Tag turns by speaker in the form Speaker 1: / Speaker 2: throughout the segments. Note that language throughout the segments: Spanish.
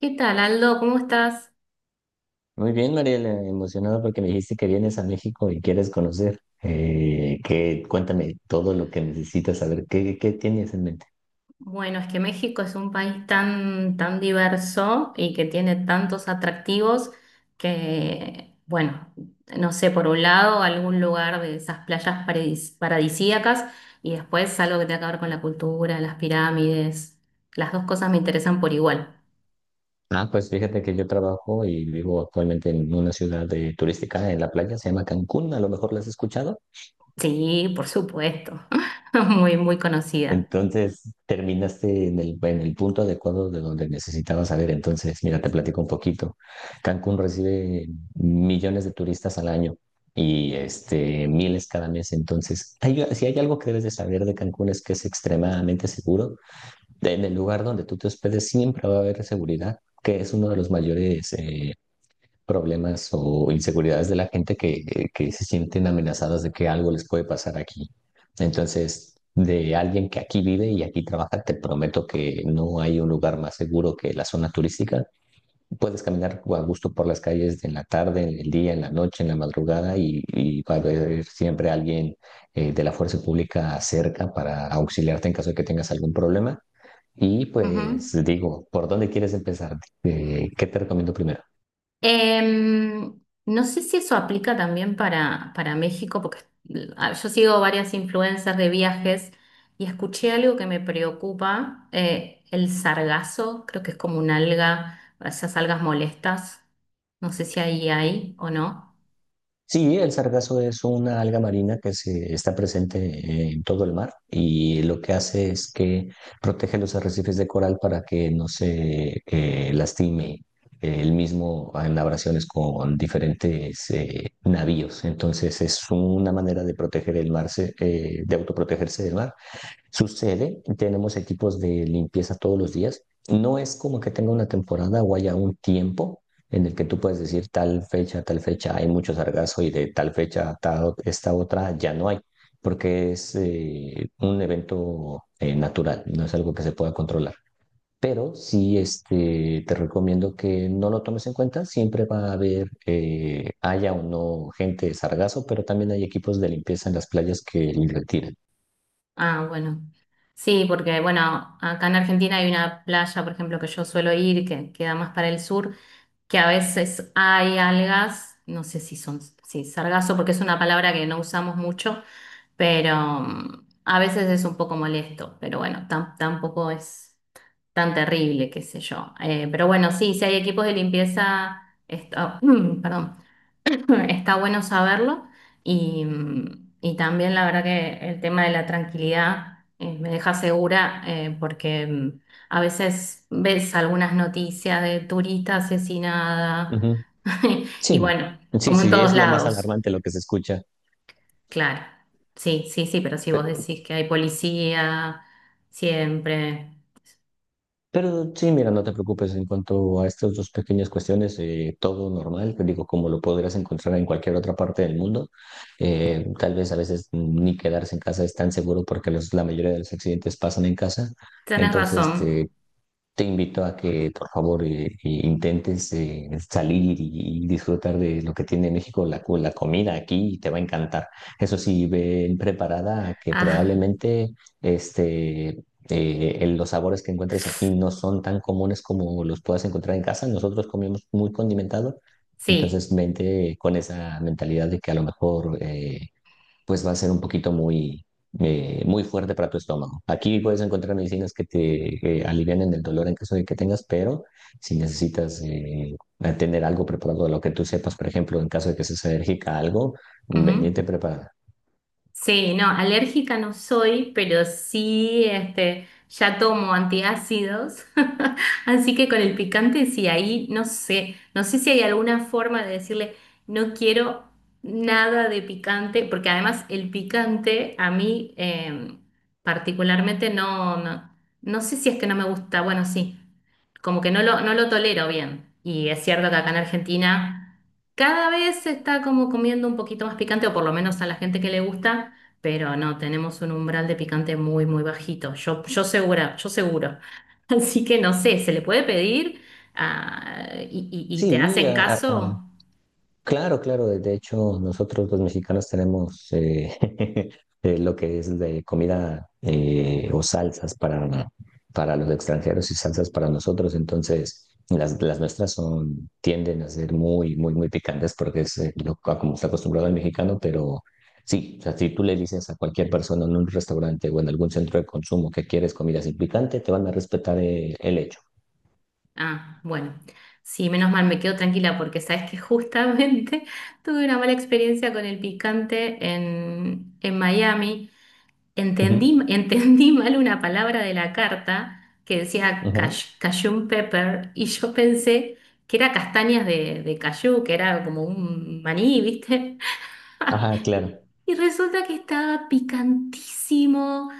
Speaker 1: ¿Qué tal, Aldo? ¿Cómo estás?
Speaker 2: Muy bien, Mariela, emocionado porque me dijiste que vienes a México y quieres conocer. ¿qué? Cuéntame todo lo que necesitas saber. ¿Qué tienes en mente?
Speaker 1: Bueno, es que México es un país tan diverso y que tiene tantos atractivos que, bueno, no sé. Por un lado, algún lugar de esas paradisíacas, y después algo que tenga que ver con la cultura, las pirámides. Las dos cosas me interesan por igual.
Speaker 2: Ah, pues fíjate que yo trabajo y vivo actualmente en una ciudad turística en la playa, se llama Cancún, a lo mejor la has escuchado.
Speaker 1: Sí, por supuesto. Muy conocida.
Speaker 2: Entonces, terminaste en el punto adecuado de donde necesitabas saber. Entonces, mira, te platico un poquito. Cancún recibe millones de turistas al año y este, miles cada mes. Entonces, si hay algo que debes de saber de Cancún es que es extremadamente seguro. En el lugar donde tú te hospedes siempre va a haber seguridad, que es uno de los mayores problemas o inseguridades de la gente que se sienten amenazadas de que algo les puede pasar aquí. Entonces, de alguien que aquí vive y aquí trabaja, te prometo que no hay un lugar más seguro que la zona turística. Puedes caminar a gusto por las calles en la tarde, en el día, en la noche, en la madrugada y va a haber siempre alguien de la fuerza pública cerca para auxiliarte en caso de que tengas algún problema. Y pues
Speaker 1: Ujú.
Speaker 2: digo, ¿por dónde quieres empezar? ¿qué te recomiendo primero?
Speaker 1: Em, no sé si eso aplica también para México, porque yo sigo varias influencers de viajes y escuché algo que me preocupa, el sargazo, creo que es como una alga, esas algas molestas, no sé si ahí hay o no.
Speaker 2: Sí, el sargazo es una alga marina que se está presente en todo el mar y lo que hace es que protege los arrecifes de coral para que no se lastime el mismo en abrasiones con diferentes navíos. Entonces es una manera de proteger el mar, de autoprotegerse del mar. Sucede, tenemos equipos de limpieza todos los días. No es como que tenga una temporada o haya un tiempo en el que tú puedes decir tal fecha, hay mucho sargazo y de tal fecha a esta otra ya no hay, porque es un evento natural, no es algo que se pueda controlar. Pero sí, este, te recomiendo que no lo tomes en cuenta. Siempre va a haber, haya o no gente de sargazo, pero también hay equipos de limpieza en las playas que le retiran.
Speaker 1: Ah, bueno. Sí, porque bueno, acá en Argentina hay una playa, por ejemplo, que yo suelo ir, que queda más para el sur, que a veces hay algas, no sé si son, sí, sargazo, porque es una palabra que no usamos mucho, pero a veces es un poco molesto, pero bueno, tampoco es tan terrible, qué sé yo. Pero bueno, sí, si hay equipos de limpieza, está, perdón, está bueno saberlo y, y también la verdad que el tema de la tranquilidad me deja segura, porque a veces ves algunas noticias de turista asesinada,
Speaker 2: Ujú.
Speaker 1: y
Speaker 2: Sí,
Speaker 1: bueno,
Speaker 2: sí,
Speaker 1: como en
Speaker 2: sí,
Speaker 1: todos
Speaker 2: es lo más
Speaker 1: lados.
Speaker 2: alarmante lo que se escucha.
Speaker 1: Claro, sí, sí, sí, pero si vos
Speaker 2: Pe-
Speaker 1: decís que hay policía siempre,
Speaker 2: Pero sí, mira, no te preocupes en cuanto a estas dos pequeñas cuestiones, todo normal, te digo, como lo podrías encontrar en cualquier otra parte del mundo. Tal vez a veces ni quedarse en casa es tan seguro porque la mayoría de los accidentes pasan en casa.
Speaker 1: tenés
Speaker 2: Entonces,
Speaker 1: razón.
Speaker 2: este, te invito a que, por favor, intentes salir y disfrutar de lo que tiene México, la comida aquí, y te va a encantar. Eso sí, ven preparada a que
Speaker 1: Ah,
Speaker 2: probablemente este, los sabores que encuentres aquí no son tan comunes como los puedas encontrar en casa. Nosotros comemos muy condimentado,
Speaker 1: sí,
Speaker 2: entonces vente con esa mentalidad de que a lo mejor pues va a ser un poquito muy, muy fuerte para tu estómago. Aquí puedes encontrar medicinas que te alivianen el dolor en caso de que tengas, pero si necesitas tener algo preparado, lo que tú sepas, por ejemplo, en caso de que seas alérgica a algo,
Speaker 1: ujú.
Speaker 2: vengete preparada.
Speaker 1: Sí, no, alérgica no soy, pero sí, este, ya tomo antiácidos, así que con el picante sí, ahí no sé, no sé si hay alguna forma de decirle, no quiero nada de picante, porque además el picante a mí, particularmente no, no, no sé si es que no me gusta, bueno, sí, como que no lo tolero bien, y es cierto que acá en Argentina... Cada vez se está como comiendo un poquito más picante, o por lo menos a la gente que le gusta, pero no, tenemos un umbral de picante muy bajito. Yo segura, yo seguro. Así que no sé, ¿se le puede pedir? Ah, ¿y te
Speaker 2: Sí,
Speaker 1: hacen caso?
Speaker 2: claro, claro. De hecho, nosotros los mexicanos tenemos lo que es de comida o salsas para los extranjeros y salsas para nosotros. Entonces, las nuestras son, tienden a ser muy, muy, muy picantes porque es a como está acostumbrado el mexicano, pero sí, o sea, si tú le dices a cualquier persona en un restaurante o en algún centro de consumo que quieres comida sin picante, te van a respetar el hecho.
Speaker 1: Ah, bueno. Sí, menos mal, me quedo tranquila porque sabes que justamente tuve una mala experiencia con el picante en Miami.
Speaker 2: Ujú,
Speaker 1: Entendí mal una palabra de la carta, que decía
Speaker 2: ujú.
Speaker 1: cajun pepper, y yo pensé que era castañas de cayú, que era como un maní, ¿viste?
Speaker 2: Ajá, claro.
Speaker 1: Y resulta que estaba picantísimo.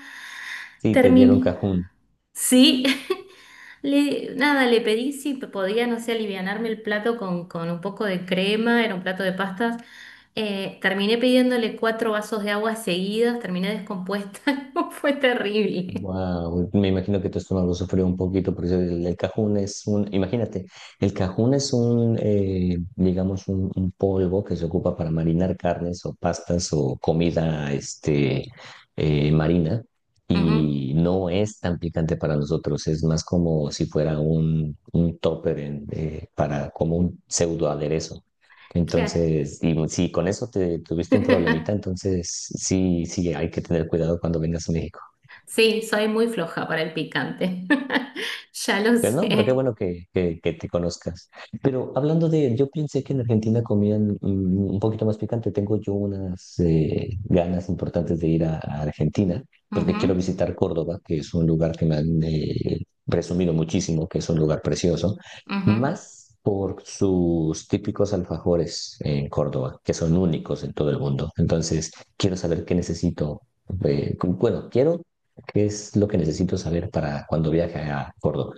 Speaker 2: Sí, te dieron
Speaker 1: Terminé.
Speaker 2: cajún.
Speaker 1: Sí, nada, le pedí si podía, no sé, alivianarme el plato con un poco de crema, era un plato de pastas. Terminé pidiéndole cuatro vasos de agua seguidos, terminé descompuesta. Fue terrible.
Speaker 2: Wow, me imagino que tu estómago lo sufrió un poquito, porque el cajún es un, imagínate, el cajún es un, digamos, un polvo que se ocupa para marinar carnes o pastas o comida, este, marina,
Speaker 1: Ujú,
Speaker 2: y no es tan picante para nosotros, es más como si fuera un topper para, como un pseudo aderezo.
Speaker 1: claro.
Speaker 2: Entonces, y si con eso te tuviste un problemita, entonces sí, sí, hay que tener cuidado cuando vengas a México.
Speaker 1: Sí, soy muy floja para el picante. Ya lo
Speaker 2: Pero no, pero qué
Speaker 1: sé.
Speaker 2: bueno que te conozcas. Pero hablando de, yo pensé que en Argentina comían un poquito más picante. Tengo yo unas ganas importantes de ir a Argentina, porque
Speaker 1: Ujú,
Speaker 2: quiero visitar Córdoba, que es un lugar que me han presumido muchísimo, que es un lugar precioso,
Speaker 1: ujú.
Speaker 2: más por sus típicos alfajores en Córdoba, que son únicos en todo el mundo. Entonces, quiero saber qué necesito. Bueno, quiero qué es lo que necesito saber para cuando viaje a Córdoba.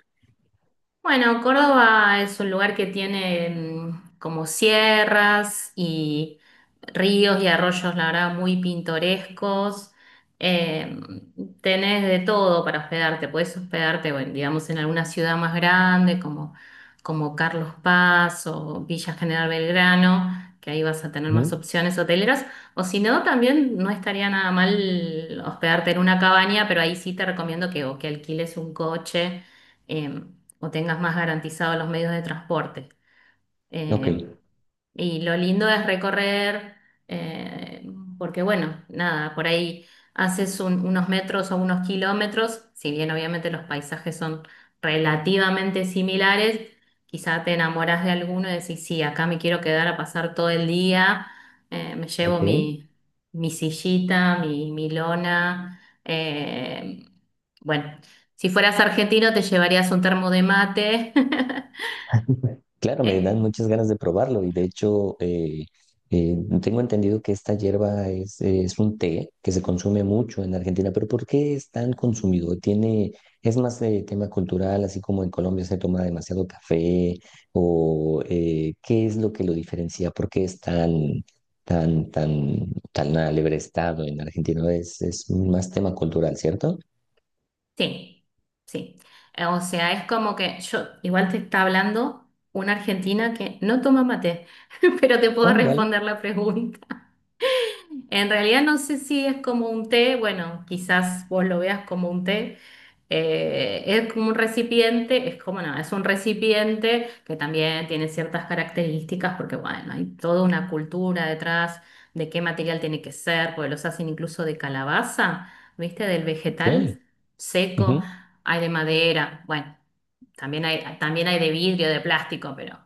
Speaker 1: Bueno, Córdoba es un lugar que tiene, como sierras y ríos y arroyos, la verdad, muy pintorescos. Eh, Tenés de todo para hospedarte. Podés hospedarte, bueno, digamos, en alguna ciudad más grande como Carlos Paz o Villa General Belgrano, que ahí vas a tener más
Speaker 2: Ujú,
Speaker 1: opciones hoteleras. O si no, también no estaría nada mal hospedarte en una cabaña, pero ahí sí te recomiendo que, o que alquiles un coche, eh, o tengas más garantizados los medios de transporte.
Speaker 2: ok,
Speaker 1: Eh, y lo lindo es recorrer, eh, porque bueno, nada, por ahí unos metros o unos kilómetros. Si bien obviamente los paisajes son relativamente similares, quizá te enamoras de alguno y decís, sí, acá me quiero quedar a pasar todo el día. Me llevo
Speaker 2: ok.
Speaker 1: mi sillita, mi lona. eh, bueno, si fueras argentino te llevarías un termo de mate.
Speaker 2: Claro, me dan
Speaker 1: Eh,
Speaker 2: muchas ganas de probarlo y de hecho eh, tengo entendido que esta hierba es un té que se consume mucho en Argentina, pero ¿por qué es tan consumido? Tiene, es más de tema cultural, así como en Colombia se toma demasiado café o ¿qué es lo que lo diferencia? ¿Por qué es tan, tan, tan, tan alegre estado en Argentina? Es más tema cultural, ¿cierto?
Speaker 1: Sí, sí. O sea, es como que yo igual te está hablando una argentina que no toma mate, pero te puedo
Speaker 2: Oh, vale,
Speaker 1: responder la pregunta. En realidad no sé si es como un té, bueno, quizás vos lo veas como un té. Es como un recipiente, es como no, es un recipiente que también tiene ciertas características, porque bueno, hay toda una cultura detrás de qué material tiene que ser, porque los hacen incluso de calabaza, ¿viste? Del
Speaker 2: ok.
Speaker 1: vegetal seco,
Speaker 2: Ujú.
Speaker 1: hay de madera, bueno, también hay de vidrio, de plástico, pero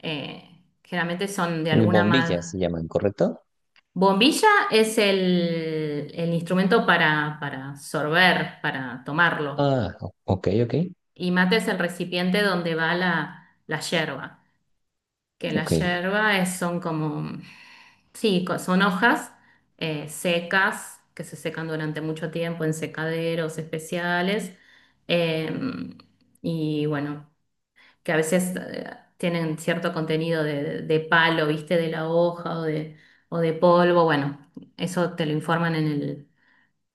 Speaker 1: generalmente son de alguna manera.
Speaker 2: Bombillas se llaman, ¿correcto?
Speaker 1: Bombilla es el instrumento para sorber, para tomarlo.
Speaker 2: Ah, ok, ok,
Speaker 1: Y mate es el recipiente donde va la yerba. Que la
Speaker 2: ok.
Speaker 1: yerba son como, sí, son hojas secas que se secan durante mucho tiempo en secaderos especiales. Eh, y bueno, que a veces tienen cierto contenido de palo, viste, de la hoja o de polvo. Bueno, eso te lo informan en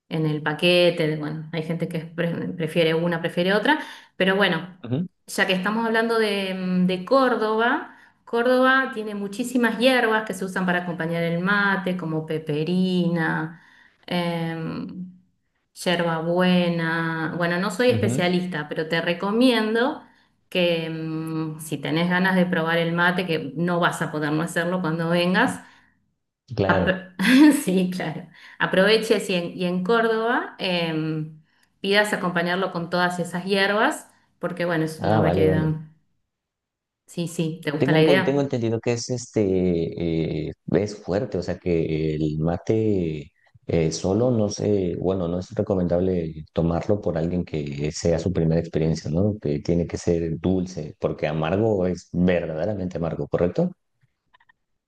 Speaker 1: en el paquete, de- bueno, hay gente que prefiere una, prefiere otra, pero bueno,
Speaker 2: Ujú,
Speaker 1: ya que estamos hablando de, de Córdoba, Córdoba tiene muchísimas hierbas que se usan para acompañar el mate, como peperina, em, yerbabuena. Bueno, no soy
Speaker 2: ujú,
Speaker 1: especialista, pero te recomiendo que, si tenés ganas de probar el mate, que no vas a poder no hacerlo cuando vengas,
Speaker 2: claro.
Speaker 1: Apro- sí, claro. Aproveche si y en Córdoba, pidas acompañarlo con todas esas hierbas, porque bueno, es una
Speaker 2: Ah, vale,
Speaker 1: variedad.
Speaker 2: vale.
Speaker 1: Sí, sí, ¿te gusta
Speaker 2: Tengo
Speaker 1: la
Speaker 2: un tengo
Speaker 1: idea?
Speaker 2: entendido que es este es fuerte, o sea que el mate solo no sé, bueno, no es recomendable tomarlo por alguien que sea su primera experiencia, ¿no? Que tiene que ser dulce, porque amargo es verdaderamente amargo, ¿correcto?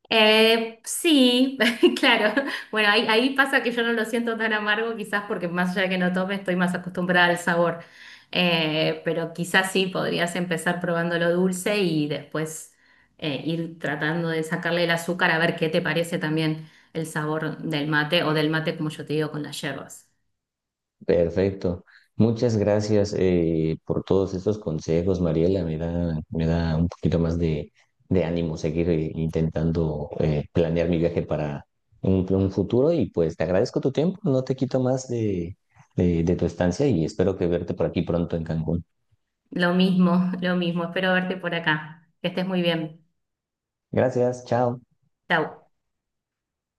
Speaker 1: Sí, claro. Bueno, ahí, ahí pasa que yo no lo siento tan amargo, quizás porque más allá de que no tome, estoy más acostumbrada al sabor. Pero quizás sí, podrías empezar probando lo dulce y después, ir tratando de sacarle el azúcar, a ver qué te parece también el sabor del mate, o del mate, como yo te digo, con las hierbas.
Speaker 2: Perfecto. Muchas gracias por todos estos consejos, Mariela. Me da un poquito más de ánimo seguir intentando planear mi viaje para un futuro y pues te agradezco tu tiempo. No te quito más de, de tu estancia y espero que verte por aquí pronto en Cancún.
Speaker 1: Lo mismo, lo mismo. Espero verte por acá. Que estés muy bien.
Speaker 2: Gracias, chao.
Speaker 1: Chau.